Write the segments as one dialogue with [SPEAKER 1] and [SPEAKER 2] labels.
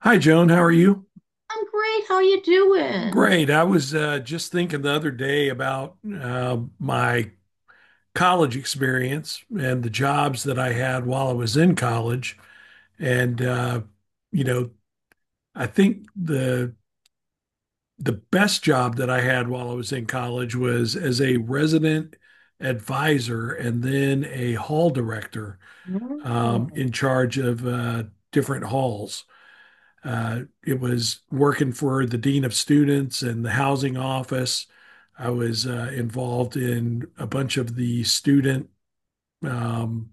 [SPEAKER 1] Hi, Joan. How are you?
[SPEAKER 2] I'm great. How you doing?
[SPEAKER 1] Great. I was just thinking the other day about my college experience and the jobs that I had while I was in college. And uh, you know, I think the best job that I had while I was in college was as a resident advisor and then a hall director
[SPEAKER 2] Oh.
[SPEAKER 1] in charge of different halls. It was working for the dean of students and the housing office. I was involved in a bunch of the student um,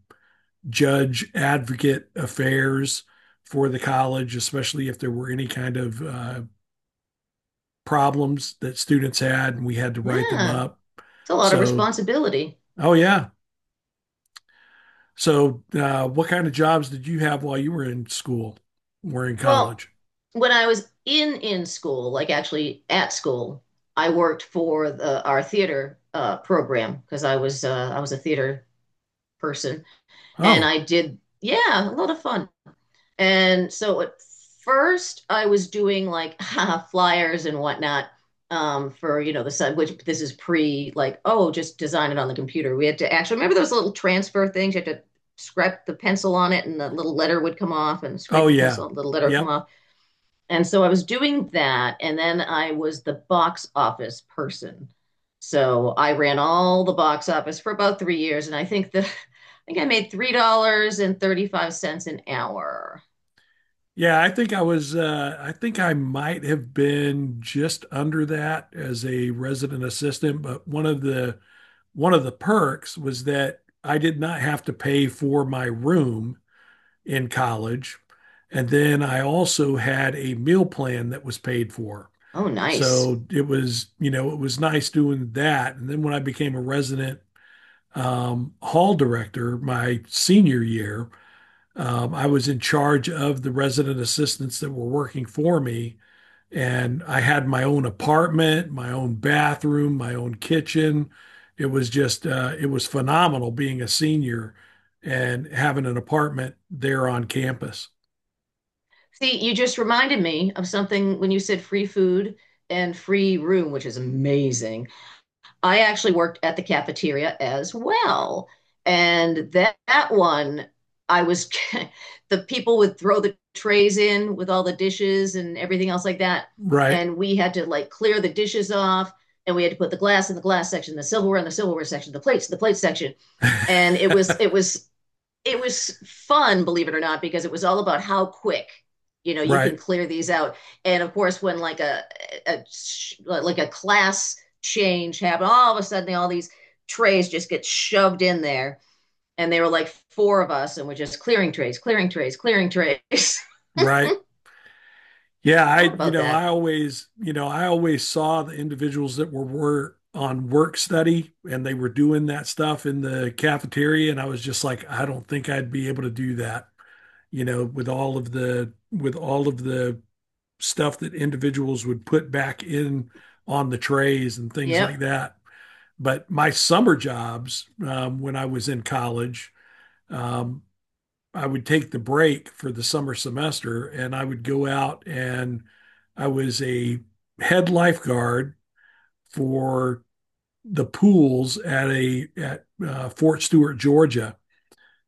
[SPEAKER 1] judge advocate affairs for the college, especially if there were any kind of problems that students had and we had to write them
[SPEAKER 2] Yeah,
[SPEAKER 1] up.
[SPEAKER 2] it's a lot of
[SPEAKER 1] So,
[SPEAKER 2] responsibility.
[SPEAKER 1] oh, yeah. So, what kind of jobs did you have while you were in school or in
[SPEAKER 2] Well,
[SPEAKER 1] college?
[SPEAKER 2] when I was in school, like actually at school, I worked for our theater program because I was a theater person, and
[SPEAKER 1] Oh,
[SPEAKER 2] I did, yeah, a lot of fun. And so at first, I was doing like flyers and whatnot, for the site, which this is pre like, oh, just design it on the computer. We had to actually remember those little transfer things. You had to scrape the pencil on it, and the little letter would come off, and
[SPEAKER 1] oh,
[SPEAKER 2] scrape the
[SPEAKER 1] yeah.
[SPEAKER 2] pencil, the little letter would come
[SPEAKER 1] Yep.
[SPEAKER 2] off. And so I was doing that, and then I was the box office person. So I ran all the box office for about 3 years, and I think the I think I made $3 and 35 cents an hour.
[SPEAKER 1] Yeah, I think I was, I think I might have been just under that as a resident assistant, but one of the perks was that I did not have to pay for my room in college. And then I also had a meal plan that was paid for.
[SPEAKER 2] Oh, nice.
[SPEAKER 1] So it was, you know, it was nice doing that. And then when I became a resident hall director my senior year, I was in charge of the resident assistants that were working for me, and I had my own apartment, my own bathroom, my own kitchen. It was just, it was phenomenal being a senior and having an apartment there on campus.
[SPEAKER 2] See, you just reminded me of something when you said free food and free room, which is amazing. I actually worked at the cafeteria as well. And that one, I was, the people would throw the trays in with all the dishes and everything else like that.
[SPEAKER 1] Right.
[SPEAKER 2] And we had to like clear the dishes off, and we had to put the glass in the glass section, the silverware in the silverware section, the plates in the plate section. And it was it was fun, believe it or not, because it was all about how quick you know you can
[SPEAKER 1] Right.
[SPEAKER 2] clear these out. And of course, when a like a class change happened, all of a sudden all these trays just get shoved in there, and they were like four of us, and we're just clearing trays, clearing trays, clearing trays.
[SPEAKER 1] Right. Yeah, I,
[SPEAKER 2] Proud
[SPEAKER 1] you
[SPEAKER 2] about
[SPEAKER 1] know,
[SPEAKER 2] that.
[SPEAKER 1] I always, you know, I always saw the individuals that were on work study and they were doing that stuff in the cafeteria. And I was just like, I don't think I'd be able to do that, you know, with all of the stuff that individuals would put back in on the trays and things like
[SPEAKER 2] Yep.
[SPEAKER 1] that. But my summer jobs, when I was in college, um, I would take the break for the summer semester and I would go out and I was a head lifeguard for the pools at a at Fort Stewart, Georgia,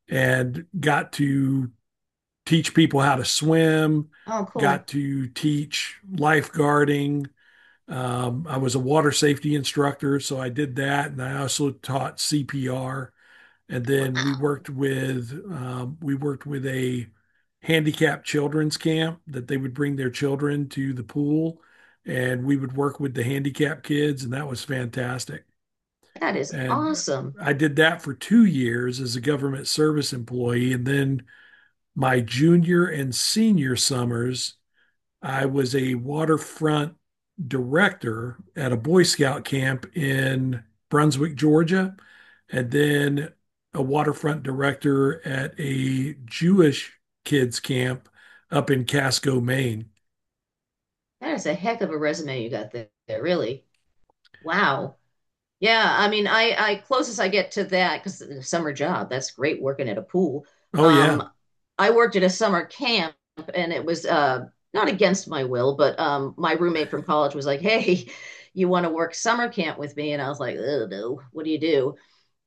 [SPEAKER 1] and got to teach people how to swim,
[SPEAKER 2] Oh,
[SPEAKER 1] got
[SPEAKER 2] cool.
[SPEAKER 1] to teach lifeguarding. I was a water safety instructor, so I did that, and I also taught CPR and then we
[SPEAKER 2] Wow,
[SPEAKER 1] worked with um, we worked with a handicapped children's camp that they would bring their children to the pool and we would work with the handicapped kids and that was fantastic
[SPEAKER 2] that is
[SPEAKER 1] and
[SPEAKER 2] awesome.
[SPEAKER 1] I did that for 2 years as a government service employee and then my junior and senior summers I was a waterfront director at a Boy Scout camp in Brunswick, Georgia, and then a waterfront director at a Jewish kids camp up in Casco, Maine.
[SPEAKER 2] That is a heck of a resume you got there, really. Wow. Yeah, I mean, I closest I get to that because summer job, that's great working at a pool.
[SPEAKER 1] Oh yeah.
[SPEAKER 2] Um, I worked at a summer camp, and it was not against my will, but my roommate from college was like, "Hey, you want to work summer camp with me?" And I was like, "Oh no, what do you do?"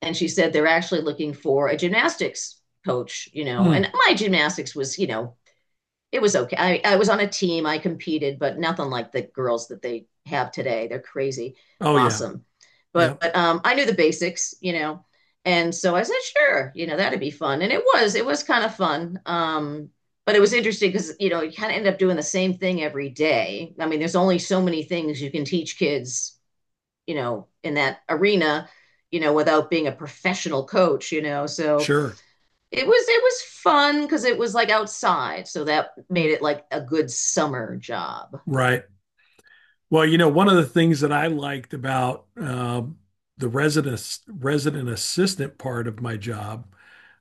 [SPEAKER 2] And she said they're actually looking for a gymnastics coach, you know. And
[SPEAKER 1] Hmm.
[SPEAKER 2] my gymnastics was, you know, it was okay. I was on a team. I competed, but nothing like the girls that they have today. They're crazy,
[SPEAKER 1] Oh yeah.
[SPEAKER 2] awesome. But
[SPEAKER 1] Yep.
[SPEAKER 2] I knew the basics, you know, and so I said, sure, you know, that'd be fun. And it was kind of fun. But it was interesting because you know you kind of end up doing the same thing every day. I mean, there's only so many things you can teach kids, you know, in that arena, you know, without being a professional coach, you know. So
[SPEAKER 1] Sure.
[SPEAKER 2] it was fun because it was like outside, so that made it like a good summer job.
[SPEAKER 1] Right. Well, you know, one of the things that I liked about the resident assistant part of my job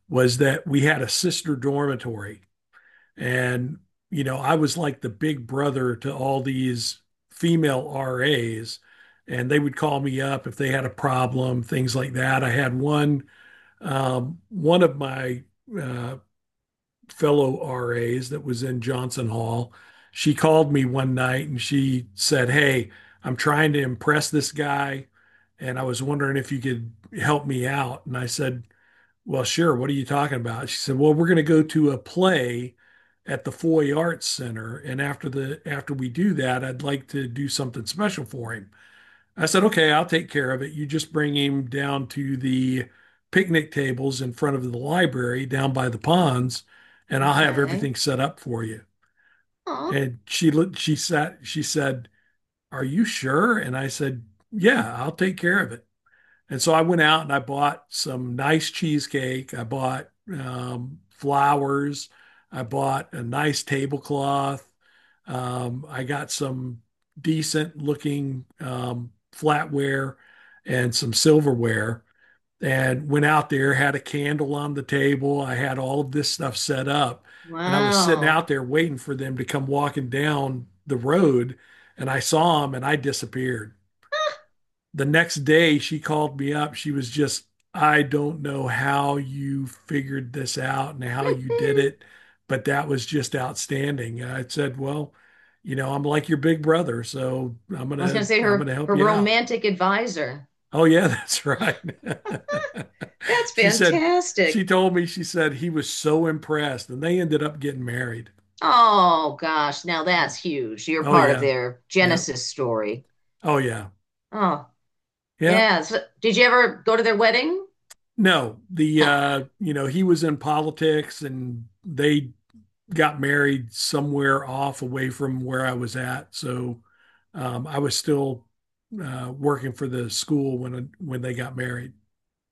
[SPEAKER 1] was that we had a sister dormitory. And, you know, I was like the big brother to all these female RAs, and they would call me up if they had a problem, things like that. I had one, one of my uh, fellow RAs that was in Johnson Hall. She called me one night and she said, "Hey, I'm trying to impress this guy. And I was wondering if you could help me out." And I said, "Well, sure. What are you talking about?" She said, "Well, we're going to go to a play at the Foy Arts Center, and after the after we do that, I'd like to do something special for him." I said, "Okay, I'll take care of it. You just bring him down to the picnic tables in front of the library down by the ponds, and I'll have
[SPEAKER 2] Okay.
[SPEAKER 1] everything set up for you."
[SPEAKER 2] Oh,
[SPEAKER 1] And she looked, she sat, she said, "Are you sure?" And I said, "Yeah, I'll take care of it." And so I went out and I bought some nice cheesecake. I bought flowers. I bought a nice tablecloth. I got some decent looking flatware and some silverware and went out there, had a candle on the table. I had all of this stuff set up. And I was sitting
[SPEAKER 2] wow.
[SPEAKER 1] out there waiting for them to come walking down the road. And I saw them and I disappeared. The next day she called me up. She was just, "I don't know how you figured this out and how you did
[SPEAKER 2] I
[SPEAKER 1] it, but that was just outstanding." And I said, "Well, you know, I'm like your big brother, so I'm
[SPEAKER 2] was gonna
[SPEAKER 1] gonna
[SPEAKER 2] say
[SPEAKER 1] I'm
[SPEAKER 2] her
[SPEAKER 1] gonna help
[SPEAKER 2] her
[SPEAKER 1] you out."
[SPEAKER 2] romantic advisor.
[SPEAKER 1] Oh yeah, that's right.
[SPEAKER 2] That's
[SPEAKER 1] She said, she
[SPEAKER 2] fantastic.
[SPEAKER 1] told me, she said he was so impressed and they ended up getting married.
[SPEAKER 2] Oh gosh, now that's huge. You're
[SPEAKER 1] Oh
[SPEAKER 2] part of
[SPEAKER 1] yeah.
[SPEAKER 2] their
[SPEAKER 1] Yeah.
[SPEAKER 2] Genesis story.
[SPEAKER 1] Oh yeah.
[SPEAKER 2] Oh,
[SPEAKER 1] Yeah.
[SPEAKER 2] yeah. So, did you ever go to their wedding?
[SPEAKER 1] No, the
[SPEAKER 2] Nah.
[SPEAKER 1] you know, he was in politics and they got married somewhere off away from where I was at. So I was still working for the school when they got married.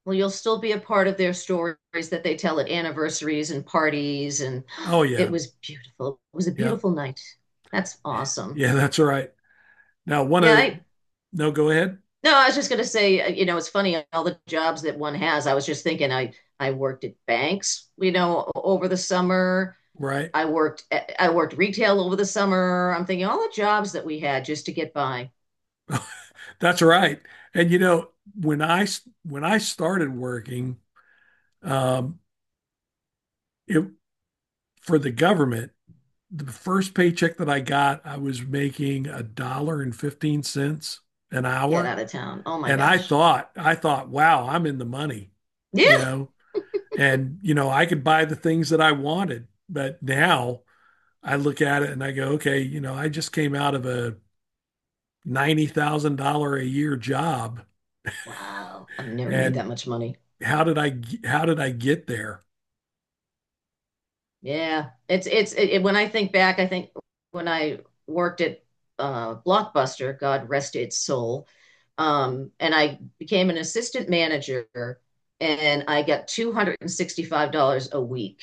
[SPEAKER 2] Well, you'll still be a part of their stories that they tell at anniversaries and parties. And
[SPEAKER 1] Oh
[SPEAKER 2] it
[SPEAKER 1] yeah.
[SPEAKER 2] was beautiful. It was a
[SPEAKER 1] Yeah.
[SPEAKER 2] beautiful night. That's awesome.
[SPEAKER 1] Yeah, that's right. Now one
[SPEAKER 2] Yeah,
[SPEAKER 1] of the,
[SPEAKER 2] I—
[SPEAKER 1] no, go ahead.
[SPEAKER 2] no, I was just gonna say, you know, it's funny all the jobs that one has. I was just thinking, I worked at banks, you know, over the summer.
[SPEAKER 1] Right.
[SPEAKER 2] I worked retail over the summer. I'm thinking all the jobs that we had just to get by,
[SPEAKER 1] That's right. And you know, when I when I started working um it for the government, the first paycheck that I got, I was making a dollar and 15 cents an
[SPEAKER 2] get
[SPEAKER 1] hour.
[SPEAKER 2] out of town. Oh my
[SPEAKER 1] And
[SPEAKER 2] gosh.
[SPEAKER 1] I thought, wow, I'm in the money, you
[SPEAKER 2] Yeah.
[SPEAKER 1] know, and, you know, I could buy the things that I wanted. But now I look at it and I go, okay, you know, I just came out of a $90,000 a year job.
[SPEAKER 2] Wow. I've never made
[SPEAKER 1] And
[SPEAKER 2] that much money.
[SPEAKER 1] how did I, how did I get there?
[SPEAKER 2] Yeah, when I think back, I think when I worked at Blockbuster, God rest its soul, and I became an assistant manager, and I got $265 a week,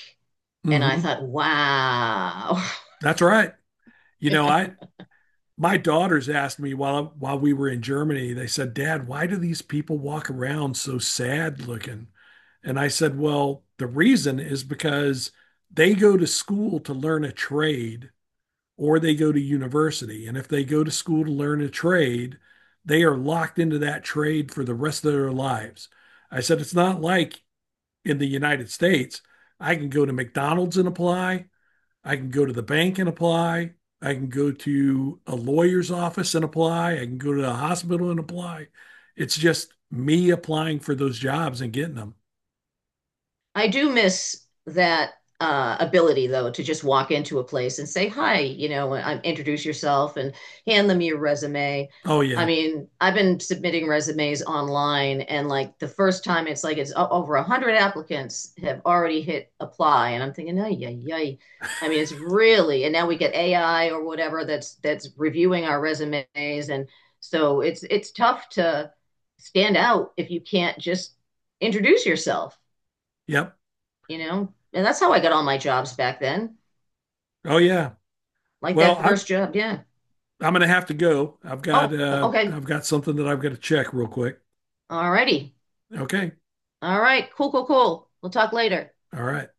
[SPEAKER 2] and I
[SPEAKER 1] Hmm.
[SPEAKER 2] thought, wow.
[SPEAKER 1] That's right. You know, I, my daughters asked me while we were in Germany, they said, "Dad, why do these people walk around so sad looking?" And I said, "Well, the reason is because they go to school to learn a trade or they go to university. And if they go to school to learn a trade, they are locked into that trade for the rest of their lives." I said, "It's not like in the United States, I can go to McDonald's and apply, I can go to the bank and apply. I can go to a lawyer's office and apply. I can go to the hospital and apply. It's just me applying for those jobs and getting them."
[SPEAKER 2] I do miss that ability, though, to just walk into a place and say hi, you know, and introduce yourself and hand them your resume.
[SPEAKER 1] Oh
[SPEAKER 2] I
[SPEAKER 1] yeah.
[SPEAKER 2] mean, I've been submitting resumes online, and like the first time, it's like over 100 applicants have already hit apply, and I'm thinking, ay, ay, ay. I mean, it's really, and now we get AI or whatever that's reviewing our resumes, and so it's tough to stand out if you can't just introduce yourself,
[SPEAKER 1] Yep.
[SPEAKER 2] you know? And that's how I got all my jobs back then.
[SPEAKER 1] Oh yeah.
[SPEAKER 2] Like
[SPEAKER 1] Well,
[SPEAKER 2] that
[SPEAKER 1] I
[SPEAKER 2] first job. Yeah.
[SPEAKER 1] I'm going to have to go.
[SPEAKER 2] Oh, okay.
[SPEAKER 1] I've got something that I've got to check real quick.
[SPEAKER 2] All righty.
[SPEAKER 1] Okay.
[SPEAKER 2] All right. Cool, cool, cool. We'll talk later.
[SPEAKER 1] All right.